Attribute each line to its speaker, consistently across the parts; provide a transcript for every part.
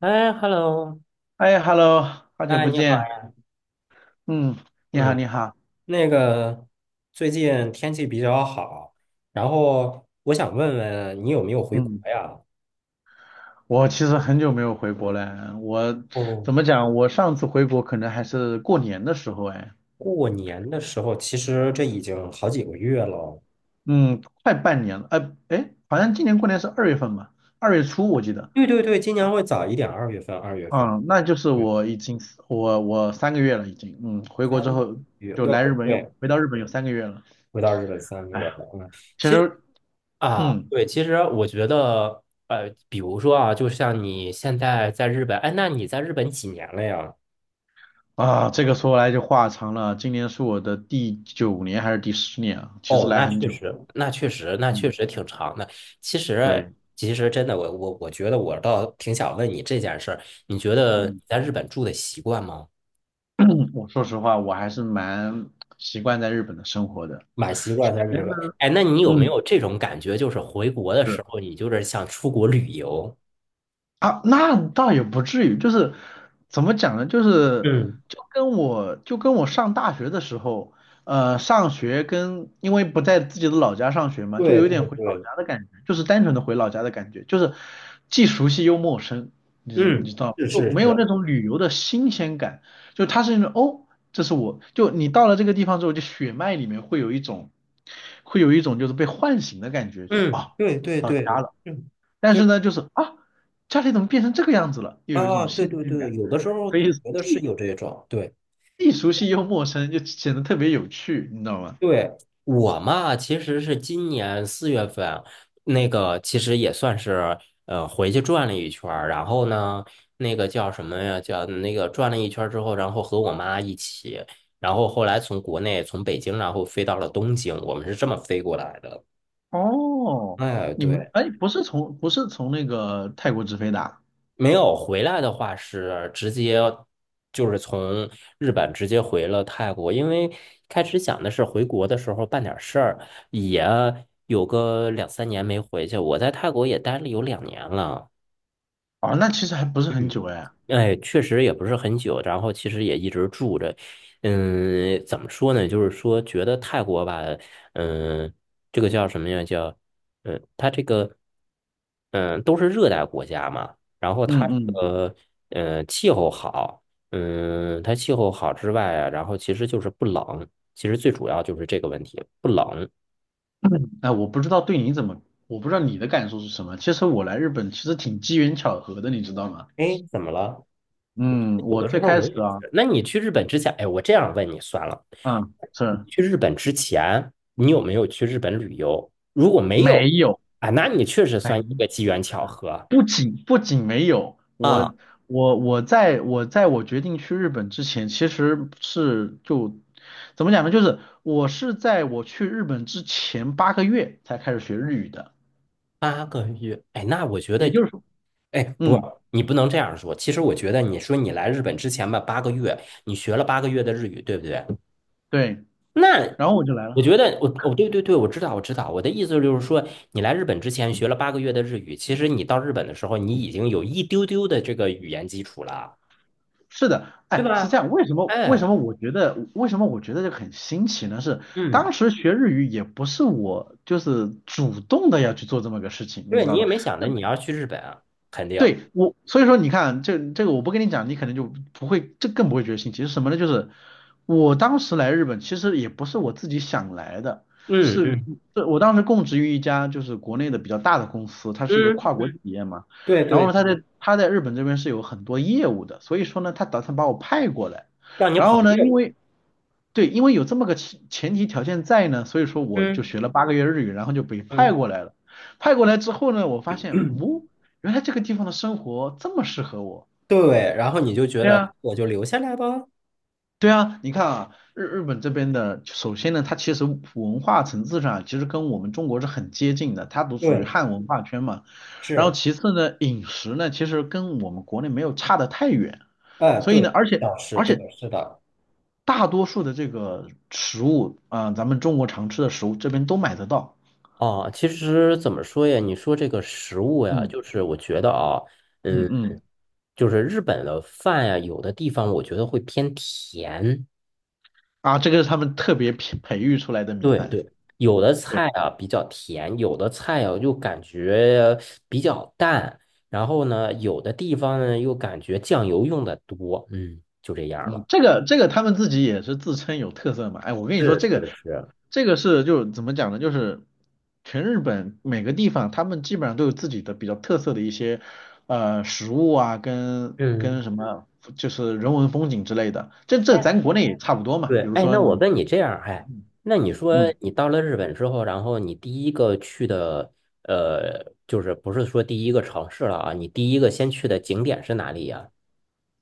Speaker 1: 哎，hello，
Speaker 2: 哎，Hello，好久
Speaker 1: 哎，
Speaker 2: 不
Speaker 1: 你好
Speaker 2: 见。
Speaker 1: 呀，
Speaker 2: 嗯，你好，
Speaker 1: 嗯，
Speaker 2: 你好。
Speaker 1: 那个最近天气比较好，然后我想问问你有没有回国
Speaker 2: 嗯，
Speaker 1: 呀？
Speaker 2: 我其实很久没有回国了。我
Speaker 1: 哦，
Speaker 2: 怎么讲？我上次回国可能还是过年的时候，哎，
Speaker 1: 过年的时候，其实这已经好几个月了。
Speaker 2: 嗯，快半年了。哎，好像今年过年是2月份吧？2月初我记得。
Speaker 1: 对对对，今年会早一点，二月份，二月份，
Speaker 2: 嗯，那就是
Speaker 1: 对，
Speaker 2: 我已经我三个月了，已经。嗯，回
Speaker 1: 三
Speaker 2: 国之后
Speaker 1: 月，
Speaker 2: 就
Speaker 1: 对
Speaker 2: 来日本又
Speaker 1: 对
Speaker 2: 回到日本有
Speaker 1: 对
Speaker 2: 三个月了。
Speaker 1: 回到日本三个
Speaker 2: 哎
Speaker 1: 月了。
Speaker 2: 呀，
Speaker 1: 嗯，
Speaker 2: 其
Speaker 1: 其实
Speaker 2: 实
Speaker 1: 啊，
Speaker 2: 嗯。
Speaker 1: 对，其实我觉得，比如说啊，就像你现在在日本，哎，那你在日本几年了呀？
Speaker 2: 啊，这个说来就话长了。今年是我的第九年还是第10年啊？其实
Speaker 1: 哦，
Speaker 2: 来
Speaker 1: 那
Speaker 2: 很
Speaker 1: 确
Speaker 2: 久。
Speaker 1: 实，那确实，那确
Speaker 2: 嗯，
Speaker 1: 实挺长的。其实，
Speaker 2: 对，
Speaker 1: 其实真的，我觉得我倒挺想问你这件事儿，你觉得你
Speaker 2: 嗯，
Speaker 1: 在日本住的习惯吗？
Speaker 2: 我说实话，我还是蛮习惯在日本的生活的。
Speaker 1: 蛮习惯
Speaker 2: 首
Speaker 1: 在
Speaker 2: 先
Speaker 1: 日
Speaker 2: 呢，
Speaker 1: 本。哎，那你有没
Speaker 2: 嗯。
Speaker 1: 有这种感觉，就是回国的时
Speaker 2: 是。
Speaker 1: 候，你就是想出国旅游？
Speaker 2: 啊，那倒也不至于，就是怎么讲呢？就是
Speaker 1: 嗯，
Speaker 2: 就跟我上大学的时候，上学跟因为不在自己的老家上学嘛，就
Speaker 1: 对
Speaker 2: 有
Speaker 1: 对
Speaker 2: 点回老
Speaker 1: 对，
Speaker 2: 家的感觉，就是单纯的回老家的感觉，就是既熟悉又陌生，你知
Speaker 1: 嗯，
Speaker 2: 你知道吗，
Speaker 1: 是
Speaker 2: 就
Speaker 1: 是
Speaker 2: 没有
Speaker 1: 是，
Speaker 2: 那种旅游的新鲜感，就它是那种哦，这是我就你到了这个地方之后，就血脉里面会有一种就是被唤醒的感觉，就
Speaker 1: 嗯，
Speaker 2: 啊。
Speaker 1: 对对
Speaker 2: 到
Speaker 1: 对，
Speaker 2: 家了。
Speaker 1: 嗯，
Speaker 2: 但是
Speaker 1: 对
Speaker 2: 呢，就是啊，家里怎么变成这个样子了，又有一
Speaker 1: 啊，
Speaker 2: 种
Speaker 1: 对
Speaker 2: 新
Speaker 1: 对
Speaker 2: 鲜
Speaker 1: 对，
Speaker 2: 感，
Speaker 1: 有的时候我
Speaker 2: 所以
Speaker 1: 觉得是
Speaker 2: 既
Speaker 1: 有这种，对。
Speaker 2: 既熟悉又陌生，就显得特别有趣，你知道吗？
Speaker 1: 对，我嘛，其实是今年4月份，那个其实也算是回去转了一圈儿，然后呢，那个叫什么呀？叫那个转了一圈儿之后，然后和我妈一起，然后后来从国内从北京，然后飞到了东京，我们是这么飞过来的。
Speaker 2: 哦，
Speaker 1: 哎，
Speaker 2: 你们
Speaker 1: 对。
Speaker 2: 哎，不是从那个泰国直飞的啊？
Speaker 1: 没有回来的话是直接就是从日本直接回了泰国，因为开始想的是回国的时候办点事儿，也有个两三年没回去。我在泰国也待了有2年了。
Speaker 2: 哦，那其实还不是很
Speaker 1: 嗯。
Speaker 2: 久哎。
Speaker 1: 哎，确实也不是很久，然后其实也一直住着。嗯，怎么说呢？就是说，觉得泰国吧，嗯，这个叫什么呀？叫，嗯，它这个，嗯，都是热带国家嘛。然后它
Speaker 2: 嗯
Speaker 1: 这
Speaker 2: 嗯
Speaker 1: 个，气候好，嗯，它气候好之外啊，然后其实就是不冷。其实最主要就是这个问题，不冷。
Speaker 2: 哎，我不知道对你怎么，我不知道你的感受是什么。其实我来日本其实挺机缘巧合的，你知道吗？
Speaker 1: 哎，怎么了？
Speaker 2: 嗯，
Speaker 1: 有
Speaker 2: 我
Speaker 1: 的时
Speaker 2: 最
Speaker 1: 候
Speaker 2: 开
Speaker 1: 我
Speaker 2: 始
Speaker 1: 也
Speaker 2: 啊，
Speaker 1: 是。那你去日本之前，哎，我这样问你算了。
Speaker 2: 嗯，是
Speaker 1: 去日本之前，你有没有去日本旅游？如果没有
Speaker 2: 没有
Speaker 1: 啊，那你确实算一个
Speaker 2: 没
Speaker 1: 机缘巧合
Speaker 2: 不仅没有，我
Speaker 1: 啊，
Speaker 2: 我我在我决定去日本之前，其实是就怎么讲呢？就是我是在我去日本之前八个月才开始学日语的，
Speaker 1: 八个月。哎，那我觉
Speaker 2: 也
Speaker 1: 得，
Speaker 2: 就是说，
Speaker 1: 哎，不，
Speaker 2: 嗯，
Speaker 1: 你不能这样说。其实我觉得，你说你来日本之前吧，八个月，你学了八个月的日语，对不对？
Speaker 2: 对，
Speaker 1: 那
Speaker 2: 然后我就来
Speaker 1: 我
Speaker 2: 了。
Speaker 1: 觉得，我对对对，我知道我知道。我的意思就是说，你来日本之前学了八个月的日语，其实你到日本的时候，你已经有一丢丢的这个语言基础了，
Speaker 2: 是的，
Speaker 1: 对
Speaker 2: 哎，是这
Speaker 1: 吧？
Speaker 2: 样。
Speaker 1: 哎，
Speaker 2: 为什么我觉得这个很新奇呢？是
Speaker 1: 嗯。
Speaker 2: 当时学日语也不是我就是主动的要去做这么个事情，你
Speaker 1: 对，
Speaker 2: 知道
Speaker 1: 你也
Speaker 2: 吗？
Speaker 1: 没想着你要去日本啊，肯定。
Speaker 2: 对我，所以说你看，这个我不跟你讲，你可能就不会，这更不会觉得新奇。是什么呢？就是我当时来日本，其实也不是我自己想来的，
Speaker 1: 嗯
Speaker 2: 是
Speaker 1: 嗯
Speaker 2: 是我当时供职于一家就是国内的比较大的公司，它是一个
Speaker 1: 嗯
Speaker 2: 跨国企
Speaker 1: 嗯，
Speaker 2: 业嘛。
Speaker 1: 对
Speaker 2: 然后
Speaker 1: 对
Speaker 2: 呢，他
Speaker 1: 对，
Speaker 2: 在他在日本这边是有很多业务的，所以说呢，他打算把我派过来。
Speaker 1: 让你
Speaker 2: 然
Speaker 1: 跑
Speaker 2: 后呢，
Speaker 1: 业
Speaker 2: 因
Speaker 1: 务。
Speaker 2: 为对，因为有这么个前提条件在呢，所以说我就
Speaker 1: 嗯
Speaker 2: 学了八个月日语，然后就被派
Speaker 1: 嗯，
Speaker 2: 过来了。派过来之后呢，我发现，哦，原来这个地方的生活这么适合我。
Speaker 1: 对，然后你就觉
Speaker 2: 对
Speaker 1: 得
Speaker 2: 啊，
Speaker 1: 我就留下来吧。
Speaker 2: 对啊，你看啊，日本这边的，首先呢，它其实文化层次上其实跟我们中国是很接近的，它都属于
Speaker 1: 对，
Speaker 2: 汉文化圈嘛。然后
Speaker 1: 是，
Speaker 2: 其次呢，饮食呢，其实跟我们国内没有差得太远。
Speaker 1: 哎，
Speaker 2: 所以
Speaker 1: 对，
Speaker 2: 呢，而且
Speaker 1: 老师，
Speaker 2: 而
Speaker 1: 对，
Speaker 2: 且
Speaker 1: 是的。
Speaker 2: 大多数的这个食物啊、咱们中国常吃的食物这边都买得到。
Speaker 1: 哦，其实怎么说呀？你说这个食物呀，
Speaker 2: 嗯
Speaker 1: 就是我觉得啊，
Speaker 2: 嗯
Speaker 1: 嗯，
Speaker 2: 嗯，
Speaker 1: 就是日本的饭呀，有的地方我觉得会偏甜，
Speaker 2: 啊，这个是他们特别培育出来的米
Speaker 1: 对
Speaker 2: 饭。
Speaker 1: 对，有的
Speaker 2: 对，
Speaker 1: 菜啊比较甜，有的菜啊又感觉比较淡，然后呢，有的地方呢又感觉酱油用的多，嗯，就这样
Speaker 2: 嗯，
Speaker 1: 了。
Speaker 2: 这个他们自己也是自称有特色嘛。哎，我跟你说，
Speaker 1: 是
Speaker 2: 这
Speaker 1: 是
Speaker 2: 个
Speaker 1: 是，
Speaker 2: 这个是就怎么讲呢？就是全日本每个地方，他们基本上都有自己的比较特色的一些食物啊，跟
Speaker 1: 嗯，
Speaker 2: 跟什么就是人文风景之类的。这
Speaker 1: 哎，
Speaker 2: 咱国内也差不多嘛。
Speaker 1: 对，
Speaker 2: 比如
Speaker 1: 哎，
Speaker 2: 说
Speaker 1: 那我
Speaker 2: 你。
Speaker 1: 问你这样，哎，那你说
Speaker 2: 嗯。
Speaker 1: 你到了日本之后，然后你第一个去的，就是不是说第一个城市了啊？你第一个先去的景点是哪里呀？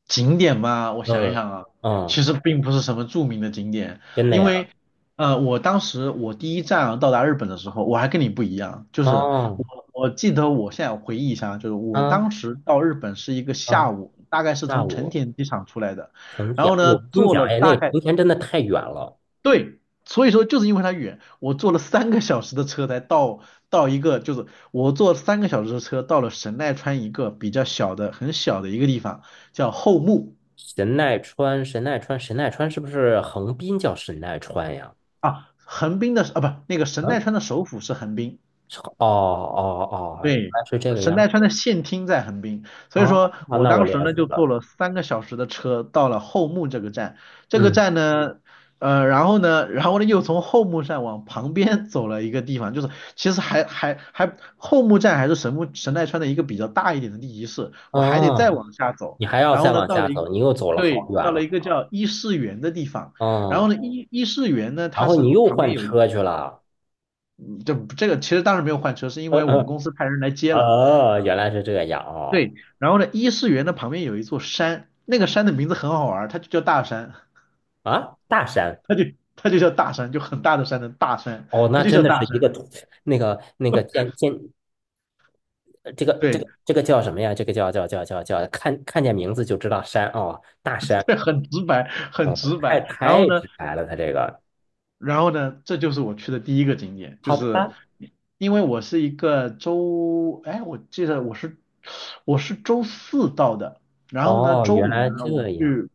Speaker 2: 景点嘛，我想一
Speaker 1: 嗯
Speaker 2: 想啊，
Speaker 1: 嗯，
Speaker 2: 其实并不是什么著名的景点，
Speaker 1: 真的
Speaker 2: 因
Speaker 1: 呀？
Speaker 2: 为我当时我第一站啊到达日本的时候，我还跟你不一样，就是
Speaker 1: 哦，
Speaker 2: 我记得我现在回忆一下，就是我
Speaker 1: 嗯
Speaker 2: 当时到日本是一个
Speaker 1: 嗯，
Speaker 2: 下午，大概是
Speaker 1: 下
Speaker 2: 从成
Speaker 1: 午。
Speaker 2: 田机场出来的，
Speaker 1: 成
Speaker 2: 然
Speaker 1: 田，
Speaker 2: 后
Speaker 1: 哎呦，
Speaker 2: 呢
Speaker 1: 我跟你
Speaker 2: 坐
Speaker 1: 讲，
Speaker 2: 了
Speaker 1: 哎，那
Speaker 2: 大
Speaker 1: 个
Speaker 2: 概
Speaker 1: 成田真的太远了。
Speaker 2: 对。所以说，就是因为它远，我坐了三个小时的车才到一个，就是我坐三个小时的车到了神奈川一个比较小的、很小的一个地方，叫后木。
Speaker 1: 神奈川，神奈川，神奈川是不是横滨叫神奈川呀？
Speaker 2: 啊，横滨的啊，不，那个神奈
Speaker 1: 嗯，
Speaker 2: 川的首府是横滨，
Speaker 1: 是哦哦哦，原
Speaker 2: 对，
Speaker 1: 来是这个
Speaker 2: 神
Speaker 1: 样。
Speaker 2: 奈川的县厅在横滨，所以
Speaker 1: 啊，
Speaker 2: 说我
Speaker 1: 那我
Speaker 2: 当时
Speaker 1: 了
Speaker 2: 呢
Speaker 1: 解
Speaker 2: 就坐
Speaker 1: 了。
Speaker 2: 了三个小时的车到了后木这个站，这个
Speaker 1: 嗯，
Speaker 2: 站呢，然后呢又从后木站往旁边 走了一个地方，就是其实还后木站还是神奈川的一个比较大一点的地级市，我还得再
Speaker 1: 哦，
Speaker 2: 往下走，
Speaker 1: 你还要
Speaker 2: 然后
Speaker 1: 再
Speaker 2: 呢
Speaker 1: 往
Speaker 2: 到
Speaker 1: 下
Speaker 2: 了一
Speaker 1: 走，你又走了好
Speaker 2: 对，
Speaker 1: 远
Speaker 2: 到了
Speaker 1: 了。
Speaker 2: 一个叫伊势原的地方，然后
Speaker 1: 嗯，
Speaker 2: 呢伊势原呢
Speaker 1: 然
Speaker 2: 它
Speaker 1: 后你
Speaker 2: 是
Speaker 1: 又
Speaker 2: 旁边
Speaker 1: 换
Speaker 2: 有。
Speaker 1: 车去了。
Speaker 2: 这个其实当时没有换车，是因
Speaker 1: 嗯
Speaker 2: 为我们公
Speaker 1: 嗯，
Speaker 2: 司派人来接了。
Speaker 1: 哦，原来是这样哦。
Speaker 2: 对，然后呢，伊势园的旁边有一座山，那个山的名字很好玩，它就叫大山，
Speaker 1: 啊，大山。
Speaker 2: 它就它就叫大山，就很大的山的大山，
Speaker 1: 哦，
Speaker 2: 它
Speaker 1: 那
Speaker 2: 就
Speaker 1: 真
Speaker 2: 叫
Speaker 1: 的
Speaker 2: 大
Speaker 1: 是一个
Speaker 2: 山。
Speaker 1: 土那个那个建建这个这
Speaker 2: 对，
Speaker 1: 个这个叫什么呀？这个叫，看见名字就知道山哦，大山
Speaker 2: 对，很直白，很
Speaker 1: 哦，
Speaker 2: 直
Speaker 1: 太
Speaker 2: 白。然后
Speaker 1: 太
Speaker 2: 呢，
Speaker 1: 直白了，他这个
Speaker 2: 这就是我去的第一个景点，就
Speaker 1: 好
Speaker 2: 是
Speaker 1: 吧？
Speaker 2: 因为我是一个周，哎，我记得我是周四到的，然后呢，
Speaker 1: 哦，
Speaker 2: 周
Speaker 1: 原
Speaker 2: 五
Speaker 1: 来
Speaker 2: 呢我
Speaker 1: 这样，
Speaker 2: 去，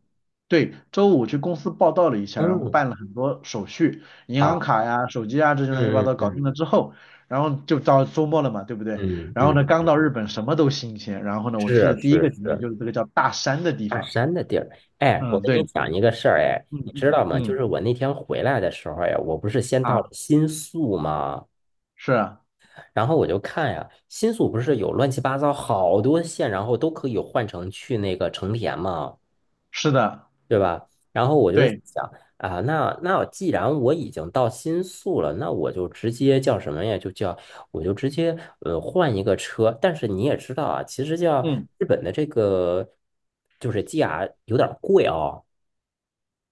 Speaker 2: 对，周五去公司报道了一下，然后
Speaker 1: 嗯，
Speaker 2: 办了很多手续，银行
Speaker 1: 好，
Speaker 2: 卡呀、手机啊这些乱七八
Speaker 1: 嗯
Speaker 2: 糟搞
Speaker 1: 嗯
Speaker 2: 定了之后，然后就到周末了嘛，对不对？
Speaker 1: 嗯嗯
Speaker 2: 然后
Speaker 1: 嗯，
Speaker 2: 呢，刚到日本什么都新鲜，然后呢，我去
Speaker 1: 是
Speaker 2: 的第一个
Speaker 1: 是
Speaker 2: 景点
Speaker 1: 是，
Speaker 2: 就是这个叫大山的地
Speaker 1: 大
Speaker 2: 方，
Speaker 1: 山的地儿。哎，我
Speaker 2: 嗯，
Speaker 1: 跟你
Speaker 2: 对，
Speaker 1: 讲一个事儿，哎，
Speaker 2: 嗯
Speaker 1: 你知
Speaker 2: 嗯
Speaker 1: 道吗？就
Speaker 2: 嗯，
Speaker 1: 是我那天回来的时候呀，我不是先到了
Speaker 2: 啊，
Speaker 1: 新宿吗？
Speaker 2: 是啊
Speaker 1: 然后我就看呀，新宿不是有乱七八糟好多线，然后都可以换成去那个成田吗？
Speaker 2: 是的，
Speaker 1: 对吧？然后我就是
Speaker 2: 对。
Speaker 1: 想啊，那既然我已经到新宿了，那我就直接叫什么呀？我就直接换一个车。但是你也知道啊，其实叫
Speaker 2: 嗯
Speaker 1: 日本的这个就是 GR 有点儿贵哦，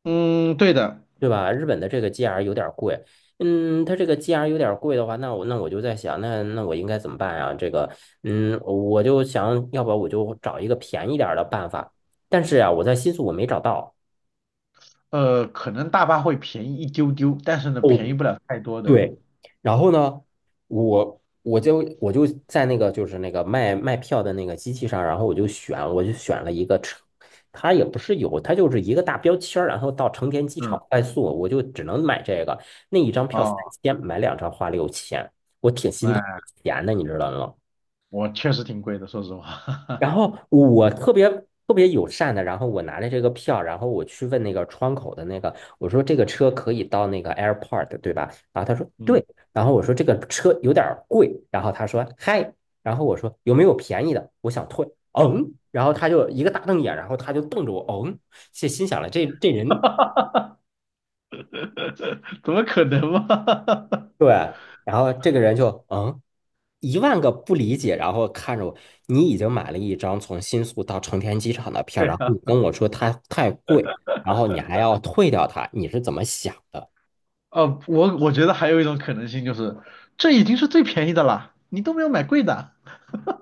Speaker 2: 嗯，对的，
Speaker 1: 对吧？日本的这个 GR 有点儿贵。嗯，它这个 GR 有点儿贵的话，那我就在想，那我应该怎么办呀？这个，嗯，我就想要不我就找一个便宜点儿的办法。但是呀、我在新宿我没找到。
Speaker 2: 可能大巴会便宜一丢丢，但是呢，便
Speaker 1: 哦，
Speaker 2: 宜不了太多的。
Speaker 1: 对，然后呢，我就在那个就是那个卖票的那个机器上，然后我就选了一个成，它也不是有，它就是一个大标签儿然后到成田机场
Speaker 2: 嗯，
Speaker 1: 快速，我就只能买这个，那一张票三
Speaker 2: 哦，
Speaker 1: 千，买两张花6000，我挺心疼
Speaker 2: 哎，
Speaker 1: 钱的，你知道吗？
Speaker 2: 我确实挺贵的，说实话。
Speaker 1: 然后我特别特别友善的，然后我拿着这个票，然后我去问那个窗口的那个，我说这个车可以到那个 airport 对吧？然后他说 对，
Speaker 2: 嗯，
Speaker 1: 然后我说这个车有点贵，然后他说嗨，然后我说有没有便宜的？我想退，嗯，然后他就一个大瞪眼，然后他就瞪着我，嗯，心想了这人
Speaker 2: 怎么可能嘛？
Speaker 1: 对，然后这个人就嗯，一万个不理解，然后看着我，你已经买了一张从新宿到成田机场的票，
Speaker 2: 对
Speaker 1: 然后
Speaker 2: 啊，
Speaker 1: 你跟我说它太贵，然后你还要退掉它，你是怎么想的？
Speaker 2: 哦，我觉得还有一种可能性就是，这已经是最便宜的了，你都没有买贵的，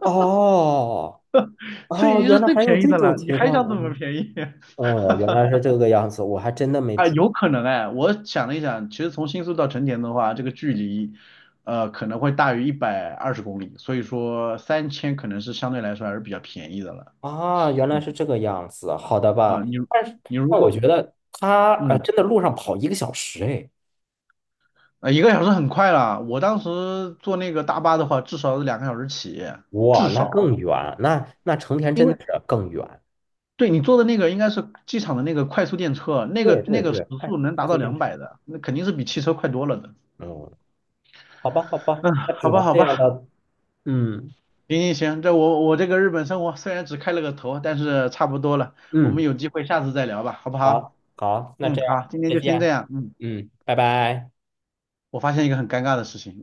Speaker 1: 哦
Speaker 2: 这已
Speaker 1: 哦，
Speaker 2: 经
Speaker 1: 原
Speaker 2: 是
Speaker 1: 来
Speaker 2: 最
Speaker 1: 还有
Speaker 2: 便宜
Speaker 1: 这
Speaker 2: 的
Speaker 1: 种
Speaker 2: 了，你
Speaker 1: 情
Speaker 2: 还
Speaker 1: 况
Speaker 2: 想
Speaker 1: 啊！
Speaker 2: 怎么便宜？
Speaker 1: 哦，原来是这个样子，我还真的没
Speaker 2: 啊，
Speaker 1: 注意
Speaker 2: 有可能哎，我想了一想，其实从新宿到成田的话，这个距离，可能会大于120公里，所以说3000可能是相对来说还是比较便宜的了。
Speaker 1: 啊，原来
Speaker 2: 嗯，
Speaker 1: 是这个样子，好的
Speaker 2: 啊，
Speaker 1: 吧？
Speaker 2: 你
Speaker 1: 但是，
Speaker 2: 你如
Speaker 1: 但我觉
Speaker 2: 果
Speaker 1: 得他
Speaker 2: 嗯，
Speaker 1: 真的路上跑1个小时，哎，
Speaker 2: 呃，1个小时很快了，我当时坐那个大巴的话，至少是2个小时起，
Speaker 1: 哇，
Speaker 2: 至
Speaker 1: 那
Speaker 2: 少，
Speaker 1: 更远，那成田
Speaker 2: 因
Speaker 1: 真的
Speaker 2: 为
Speaker 1: 是更远。
Speaker 2: 对你坐的那个应该是机场的那个快速电车，那个
Speaker 1: 对对
Speaker 2: 那个时
Speaker 1: 对，快
Speaker 2: 速能达
Speaker 1: 快
Speaker 2: 到
Speaker 1: 速电
Speaker 2: 两
Speaker 1: 池。
Speaker 2: 百的，那肯定是比汽车快多了的。
Speaker 1: 嗯，好吧，好吧，
Speaker 2: 嗯，
Speaker 1: 那只
Speaker 2: 好吧，
Speaker 1: 能
Speaker 2: 好
Speaker 1: 这样
Speaker 2: 吧。
Speaker 1: 了。嗯
Speaker 2: 行行行，这我这个日本生活虽然只开了个头，但是差不多了，我们
Speaker 1: 嗯，
Speaker 2: 有机会下次再聊吧，好不
Speaker 1: 好，
Speaker 2: 好？
Speaker 1: 好，那
Speaker 2: 嗯，
Speaker 1: 这样，
Speaker 2: 好，今天
Speaker 1: 再
Speaker 2: 就先这
Speaker 1: 见。
Speaker 2: 样。嗯，
Speaker 1: 嗯，拜拜。
Speaker 2: 我发现一个很尴尬的事情。